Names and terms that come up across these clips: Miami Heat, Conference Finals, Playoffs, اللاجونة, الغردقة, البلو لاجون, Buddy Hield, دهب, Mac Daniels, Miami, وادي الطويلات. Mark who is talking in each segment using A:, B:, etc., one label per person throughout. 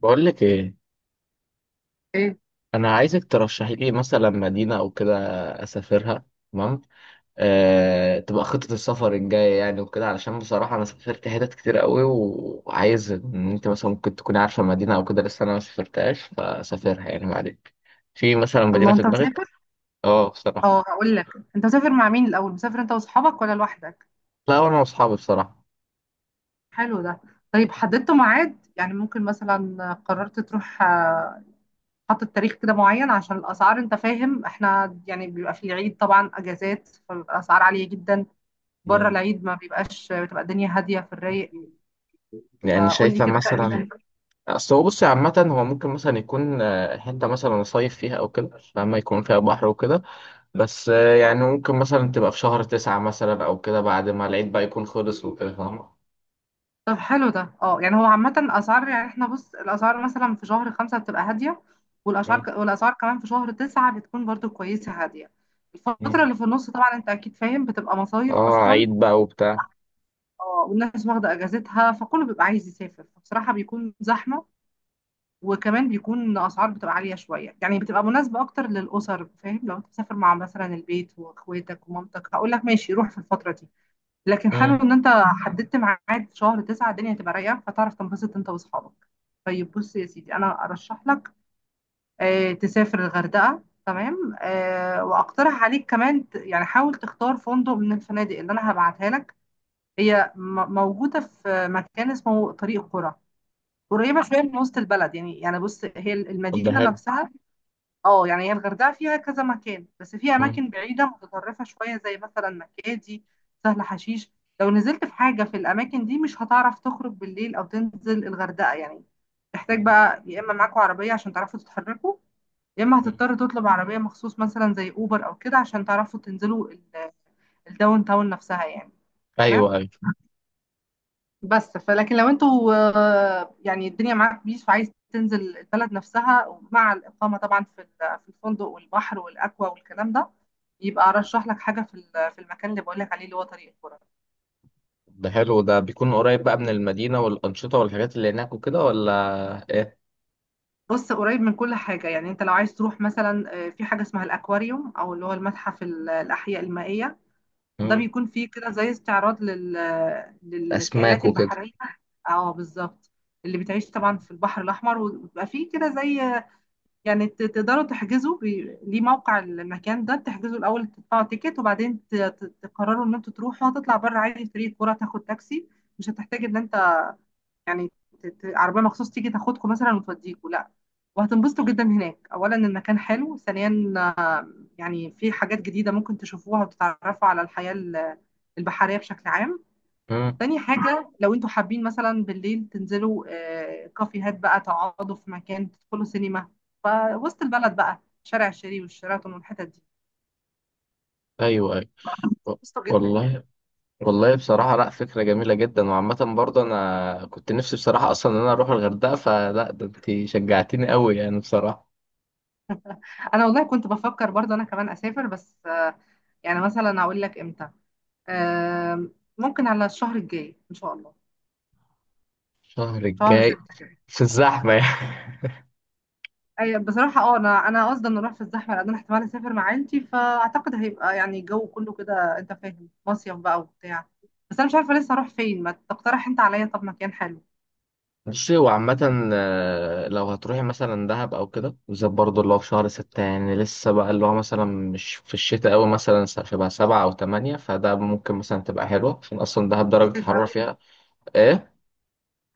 A: بقول لك ايه.
B: ايه.
A: انا عايزك ترشحي لي مثلا مدينه او كده اسافرها. تمام. تبقى خطه السفر الجايه يعني وكده، علشان بصراحه انا سافرت حتت كتير قوي وعايز ان انت مثلا ممكن تكوني عارفه مدينه او كده لسه انا ما سافرتهاش فسافرها يعني معلك. في مثلا
B: الله،
A: مدينه في
B: انت
A: دماغك؟
B: مسافر؟
A: اه
B: اه
A: بصراحه.
B: هقول لك. انت مسافر مع مين الاول؟ مسافر انت واصحابك ولا لوحدك؟
A: لا، وانا واصحابي بصراحه.
B: حلو ده. طيب حددتوا ميعاد؟ يعني ممكن مثلا قررت تروح، حاطط تاريخ كده معين عشان الاسعار، انت فاهم، احنا يعني بيبقى في العيد طبعا اجازات، فالاسعار عالية جدا. بره
A: مم.
B: العيد ما بيبقاش، بتبقى الدنيا هادية في الرايق.
A: يعني
B: فقول لي
A: شايفه
B: كده
A: مثلا،
B: تقريبا.
A: اصل هو بصي عامه هو ممكن مثلا يكون حته مثلا صيف فيها او كده، فاما يكون فيها بحر وكده. بس يعني ممكن مثلا تبقى في شهر تسعة مثلا أو كده، بعد ما العيد بقى يكون خلص وكده، فاهمة؟
B: طب حلو ده. اه يعني هو عامة الأسعار، يعني احنا بص الأسعار مثلا في شهر خمسة بتبقى هادية،
A: مم.
B: والأسعار كمان في شهر تسعة بتكون برضو كويسة هادية. الفترة
A: مم.
B: اللي في النص طبعا انت أكيد فاهم بتبقى مصايف
A: اه
B: أصلا.
A: عيد بقى وبتاع.
B: اه والناس واخدة أجازتها، فكله بيبقى عايز يسافر فبصراحة بيكون زحمة. وكمان بيكون أسعار بتبقى عالية شوية، يعني بتبقى مناسبة أكتر للأسر، فاهم؟ لو أنت مسافر مع مثلا البيت وأخواتك ومامتك هقول لك ماشي روح في الفترة دي. لكن حلو
A: مم.
B: ان انت حددت ميعاد شهر تسعة، الدنيا هتبقى رايقه فتعرف تنبسط انت واصحابك. طيب بص يا سيدي، انا ارشح لك، تسافر الغردقه. تمام، واقترح عليك كمان يعني حاول تختار فندق من الفنادق اللي انا هبعتها لك. هي موجوده في مكان اسمه طريق قرى، قريبه شويه من وسط البلد يعني، يعني بص هي
A: طب ده
B: المدينه
A: حلو.
B: نفسها. اه يعني هي الغردقة فيها كذا مكان، بس في
A: مم.
B: أماكن بعيدة متطرفة شوية زي مثلا مكادي، سهل حشيش. لو نزلت في حاجة في الأماكن دي مش هتعرف تخرج بالليل أو تنزل الغردقة يعني. تحتاج
A: مم.
B: بقى يا إما معاكوا عربية عشان تعرفوا تتحركوا، يا إما
A: مم.
B: هتضطر تطلب عربية مخصوص مثلا زي أوبر أو كده عشان تعرفوا تنزلوا الداون تاون نفسها يعني.
A: أيوه
B: تمام.
A: أيوه.
B: بس فلكن لو انتوا، يعني الدنيا معاك بيس وعايز تنزل البلد نفسها مع الإقامة طبعا في في الفندق والبحر والأكوا والكلام ده، يبقى أرشح لك حاجة في في المكان اللي بقول لك عليه اللي هو طريق الكرة.
A: ده حلو ده، بيكون قريب بقى من المدينة والأنشطة والحاجات اللي هناك وكده، ولا إيه؟
B: بص قريب من كل حاجة. يعني انت لو عايز تروح مثلا، في حاجة اسمها الأكواريوم، أو اللي هو المتحف الأحياء المائية. ده
A: مم.
B: بيكون فيه كده زي استعراض
A: أسماك
B: للكائنات
A: وكده.
B: البحرية. اه بالظبط. اللي بتعيش طبعا في البحر الأحمر، وبيبقى فيه كده زي، يعني تقدروا تحجزوا ليه موقع المكان ده، بتحجزوا الاول تدفعوا تيكت وبعدين تقرروا ان انتوا تروحوا. هتطلع بره عادي فريق الكوره تاخد تاكسي، مش هتحتاج ان انت يعني عربيه مخصوص تيجي تاخدكم مثلا وتوديكوا، لا. وهتنبسطوا جدا هناك. اولا المكان حلو، ثانيا يعني في حاجات جديده ممكن تشوفوها وتتعرفوا على الحياه البحريه بشكل عام.
A: مم.
B: تاني حاجة، لو انتوا حابين مثلا بالليل تنزلوا كافيهات بقى، تقعدوا في مكان، تدخلوا سينما، فوسط البلد بقى شارع الشريف والشيراتون والحتت دي.
A: أيوه أيوه. و-
B: قشطة جدا.
A: والله. والله بصراحة لأ، فكرة جميلة جدا. وعامة برضه أنا كنت نفسي بصراحة أصلا إن أنا أروح الغردقة، فلأ ده أنت شجعتني أوي يعني بصراحة.
B: انا والله كنت بفكر برضه انا كمان اسافر، بس يعني مثلا اقول لك امتى، ممكن على الشهر الجاي ان شاء الله.
A: الشهر
B: شهر
A: الجاي؟
B: ستة كده.
A: في الزحمة يعني؟
B: أي بصراحة اه، انا قصدي ان اروح في الزحمة لان انا احتمال اسافر مع عيلتي، فاعتقد هيبقى يعني الجو كله كده، انت فاهم، مصيف بقى وبتاع. بس انا مش عارفة لسه اروح فين، ما تقترح انت عليا طب مكان حلو.
A: بصي هو عامة لو هتروحي مثلا دهب أو كده بالذات، برضه اللي هو في شهر ستة يعني لسه بقى اللي هو مثلا مش في الشتاء أوي، مثلا شبه سبعة أو تمانية، فده ممكن مثلا تبقى حلوة عشان أصلا دهب
B: مش
A: درجة
B: صيف
A: الحرارة
B: قوي.
A: فيها. إيه؟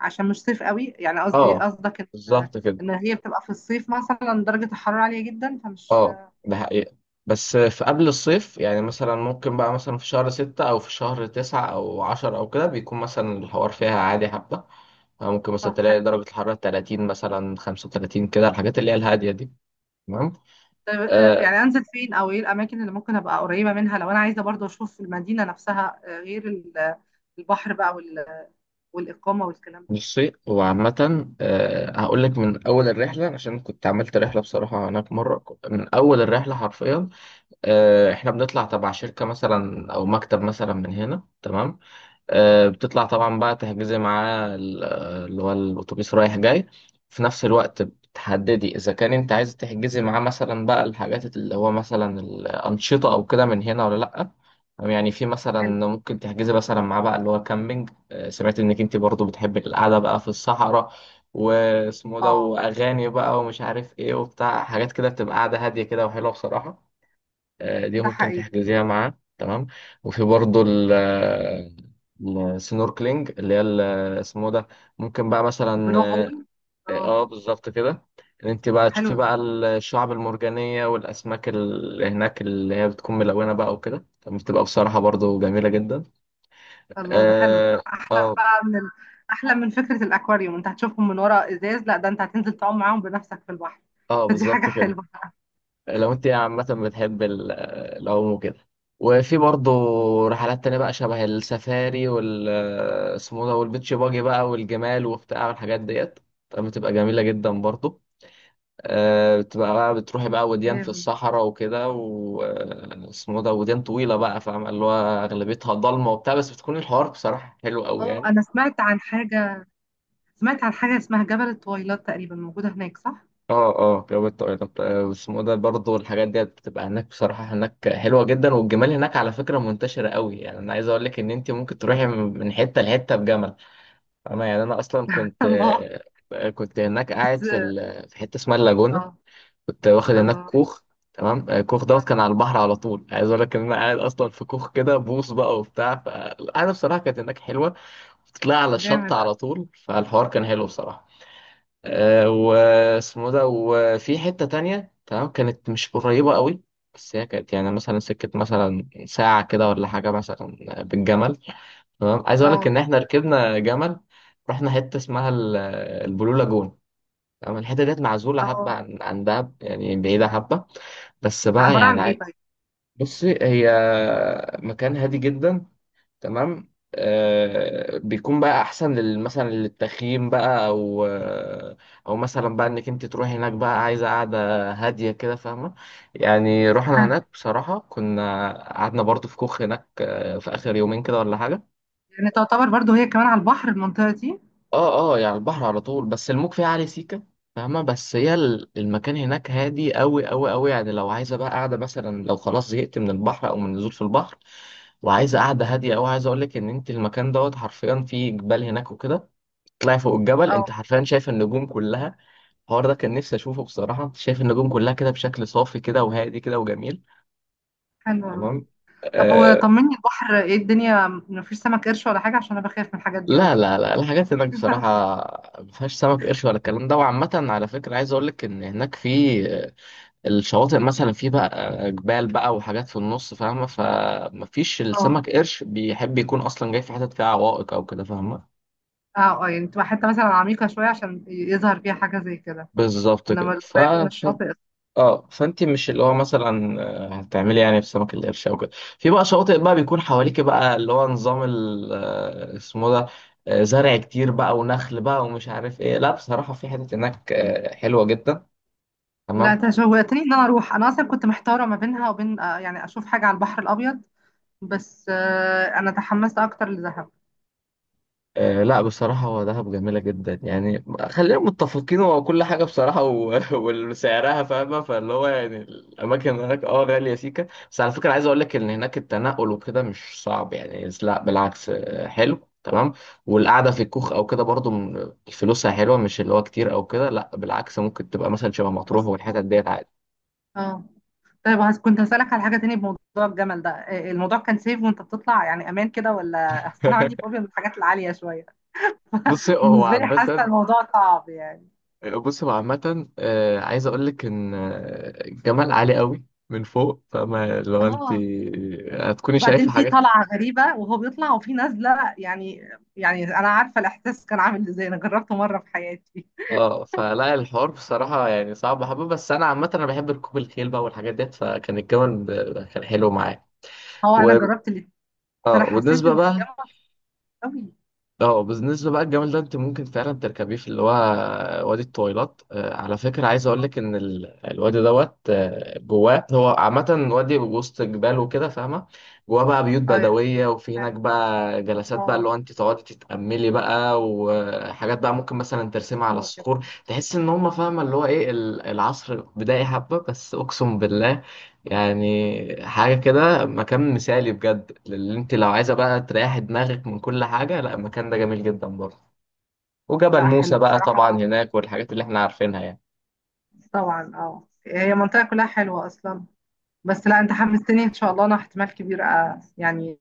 B: عشان مش صيف قوي، يعني قصدي
A: آه
B: قصدك ان،
A: بالظبط كده.
B: ان هي بتبقى في الصيف مثلا درجة الحرارة عالية جدا فمش.
A: آه ده حقيقة. بس في قبل الصيف يعني، مثلا ممكن بقى مثلا في شهر ستة أو في شهر تسعة أو عشرة أو كده، بيكون مثلا الحوار فيها عادي حبة. أو ممكن مثلا
B: طب
A: تلاقي
B: حلو
A: درجة
B: ده.
A: الحرارة 30 مثلا 35 كده، الحاجات اللي هي الهادية دي. تمام.
B: طيب
A: آه
B: يعني انزل فين او ايه الاماكن اللي ممكن ابقى قريبة منها، لو انا عايزة برضو اشوف المدينة نفسها، غير البحر بقى والاقامة والكلام ده.
A: بصي هو عامة، آه هقول لك من أول الرحلة عشان كنت عملت رحلة بصراحة هناك مرة. من أول الرحلة حرفيا، آه إحنا بنطلع تبع شركة مثلا أو مكتب مثلا من هنا، تمام. بتطلع طبعا بقى تحجزي معاه اللي هو الأتوبيس رايح جاي. في نفس الوقت بتحددي إذا كان أنت عايز تحجزي معاه مثلا بقى الحاجات اللي هو مثلا الأنشطة أو كده من هنا ولا لأ. أو يعني في مثلا
B: حلو.
A: ممكن تحجزي مثلا معاه بقى اللي هو كامبينج. سمعت إنك أنت برضو بتحبي القعدة بقى في الصحراء، واسمه ده،
B: اه،
A: وأغاني بقى ومش عارف إيه وبتاع، حاجات كده بتبقى قاعدة هادية كده وحلوة بصراحة. دي
B: ده
A: ممكن
B: حقيقي.
A: تحجزيها معاه، تمام. وفي برضه ال السنوركلينج، اللي هي اسمه ده، ممكن بقى مثلا.
B: البلو
A: اه.
B: هول. اه.
A: آه، بالظبط كده. ان انت بقى
B: حلو
A: تشوفي
B: ده.
A: بقى الشعب المرجانية والاسماك اللي هناك، اللي هي بتكون ملونة بقى وكده، فبتبقى بصراحة برضه جميلة جدا.
B: الله، ده حلو،
A: اه
B: ده
A: اه.
B: احلى من فكره الاكواريوم، انت هتشوفهم من ورا ازاز، لا ده انت هتنزل تعوم معاهم بنفسك في البحر.
A: آه،
B: فدي حاجه
A: بالظبط كده.
B: حلوه
A: لو انت عامة بتحب العوم وكده. وفي برضه رحلات تانية بقى شبه السفاري وال اسمه ده والبيتش باجي بقى والجمال وبتاع والحاجات ديت، طب بتبقى جميلة جدا برضه. بتبقى بقى بتروحي بقى وديان في
B: جامد.
A: الصحراء وكده، واسمه ده، وديان طويلة بقى فاهمة اللي هو، أغلبيتها ضلمة وبتاع، بس بتكون الحوار بصراحة حلو قوي
B: اه
A: يعني.
B: انا سمعت عن حاجه، سمعت عن حاجه اسمها جبل التويلات تقريبا، موجوده هناك صح؟
A: اه اه جواب الطائرة، اسمه ده برضه الحاجات ديت بتبقى هناك بصراحة. هناك حلوة جدا، والجمال هناك على فكرة منتشرة قوي يعني. أنا عايز أقول لك إن أنت ممكن تروحي من حتة لحتة بجمل. أنا يعني أنا أصلا كنت
B: الله.
A: كنت هناك
B: بس.
A: قاعد في في حتة اسمها اللاجونة،
B: اه.
A: كنت واخد هناك
B: الله.
A: كوخ. تمام. الكوخ
B: آه،
A: دوت كان على البحر على طول. عايز أقول لك إن أنا قاعد أصلا في كوخ كده بوص بقى وبتاع، فالقعدة بصراحة كانت هناك حلوة. بتطلع على الشط
B: جامد أوي.
A: على طول، فالحوار كان حلو بصراحة. واسمه ده. وفي حتة تانية تمام، كانت مش قريبة قوي، بس هي كانت يعني مثلا سكة مثلا ساعة كده ولا حاجة، مثلا بالجمل. تمام. عايز أقول لك إن
B: اه،
A: إحنا ركبنا جمل، رحنا حتة اسمها البلو لاجون. تمام. الحتة ديت معزولة حبة
B: اه،
A: عن عن دهب يعني، بعيدة حبة. بس بقى
B: عباره عن
A: يعني
B: ايه طيب؟
A: بصي هي مكان هادي جدا، تمام. آه بيكون بقى احسن مثلا للتخييم بقى، او او مثلا بقى انك انت تروحي هناك بقى عايزه قاعده هاديه كده، فاهمه. يعني رحنا
B: حلو.
A: هناك بصراحه كنا قعدنا برضو في كوخ هناك، في اخر يومين كده ولا حاجه.
B: يعني تعتبر برضو هي كمان على البحر المنطقه دي.
A: اه اه يعني البحر على طول، بس الموج فيه عالي سيكا، فاهمة. بس هي المكان هناك هادي أوي أوي أوي يعني. لو عايزة بقى قاعدة مثلا، لو خلاص زهقت من البحر أو من النزول في البحر وعايزة قاعدة هادية أوي، عايز أقولك إن أنت المكان دوت حرفيا فيه جبال هناك وكده، تطلعي فوق الجبل
B: اه،
A: أنت حرفيا شايفة النجوم كلها. الحوار ده كان نفسي أشوفه بصراحة. أنت شايف النجوم كلها كده بشكل صافي كده وهادي كده وجميل.
B: حلوه أوي.
A: تمام.
B: طب هو
A: آه،
B: طمني، البحر ايه الدنيا؟ مفيش سمك قرش ولا حاجة؟ عشان انا بخاف من الحاجات دي قوي.
A: لا لا لا، الحاجات هناك بصراحة ما فيهاش سمك قرش ولا الكلام ده. وعامة على فكرة عايز أقول لك إن هناك في الشواطئ مثلا في بقى جبال بقى وحاجات في النص فاهمة، فما فيش
B: اه.
A: السمك قرش بيحب يكون أصلا جاي في حتت فيها عوائق أو كده، فاهمة.
B: اه، اه، يعني تبقى حتة مثلا عميقة شوية عشان يظهر فيها حاجة زي كده،
A: بالظبط
B: انما
A: كده
B: القريب من الشاطئ.
A: اه فانت مش اللي هو مثلا هتعملي يعني في سمك القرش او كده. في بقى شواطئ بقى بيكون حواليك بقى اللي هو نظام اسمه ده، زرع كتير بقى ونخل بقى ومش عارف ايه، لا بصراحة في حتت هناك حلوة جدا،
B: لا
A: تمام.
B: انت شوقتني ان انا اروح، انا اصلا كنت محتارة ما بينها وبين، يعني اشوف حاجة على البحر الابيض، بس انا تحمست اكتر لدهب.
A: آه لا بصراحة هو دهب جميلة جدا يعني. خلينا متفقين هو كل حاجة بصراحة وسعرها فاهمة. فاللي هو يعني الأماكن هناك اه غالية سيكة، بس على فكرة عايز أقول لك إن هناك التنقل وكده مش صعب يعني، لا بالعكس، حلو تمام. والقعدة في الكوخ أو كده برضو فلوسها حلوة، مش اللي هو كتير أو كده، لا بالعكس، ممكن تبقى مثلا شبه مطروح
B: بسيطة.
A: والحتت ديت عادي.
B: اه. طيب كنت هسألك على حاجة تاني بموضوع الجمل ده، الموضوع كان سيف وانت بتطلع، يعني امان كده ولا؟ اصل انا عندي فوبيا من الحاجات العالية شوية،
A: بص هو
B: بالنسبة لي حاسة
A: عامة،
B: الموضوع صعب يعني.
A: عايز اقول لك ان الجمال عالي قوي من فوق، فما لو انت
B: اه
A: هتكوني
B: وبعدين
A: شايفة
B: في
A: حاجات.
B: طلعة غريبة وهو بيطلع وفي نازلة، يعني أنا عارفة الإحساس كان عامل إزاي، أنا جربته مرة في حياتي.
A: اه فلا الحوار بصراحة يعني صعب حبة، بس انا عامة انا بحب ركوب الخيل بقى والحاجات ديت، فكان الجمل كان حلو معايا.
B: هو
A: و...
B: أنا جربت اللي، أنا
A: اه
B: حسيت
A: وبالنسبة
B: إن
A: بقى،
B: الجامعة قوي.
A: اه بالنسبة بقى الجمل ده انت ممكن فعلا تركبيه في اللي هو وادي الطويلات. على فكرة عايز اقول لك ان الوادي دوت جواه هو عامة وادي وسط جبال وكده فاهمة، جواه بقى بيوت
B: اه يا.
A: بدوية، وفي هناك
B: حلو.
A: بقى جلسات بقى اللي
B: الله.
A: هو انت تقعدي تتأملي بقى، وحاجات بقى ممكن مثلا ترسمها على
B: حلوة جدا.
A: الصخور تحس ان هم فاهمة اللي هو ايه العصر بدائي حبة، بس اقسم بالله يعني حاجة كده مكان مثالي بجد. اللي انت لو عايزة بقى تريحي دماغك من كل حاجة، لا المكان ده جميل جدا برضه. وجبل
B: لا حلو
A: موسى بقى طبعا
B: بصراحة.
A: هناك والحاجات اللي احنا عارفينها يعني.
B: طبعا اه، هي منطقة كلها حلوة أصلا. بس لا، أنت حمستني إن شاء الله، أنا احتمال كبير يعني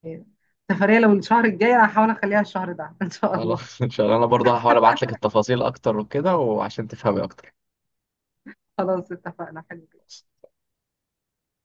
B: سفرية لو الشهر الجاي، أنا هحاول أخليها الشهر ده إن شاء الله.
A: خلاص ان شاء الله. انا برضه هحاول ابعت لك التفاصيل اكتر وكده وعشان تفهمي اكتر.
B: خلاص اتفقنا. حلو.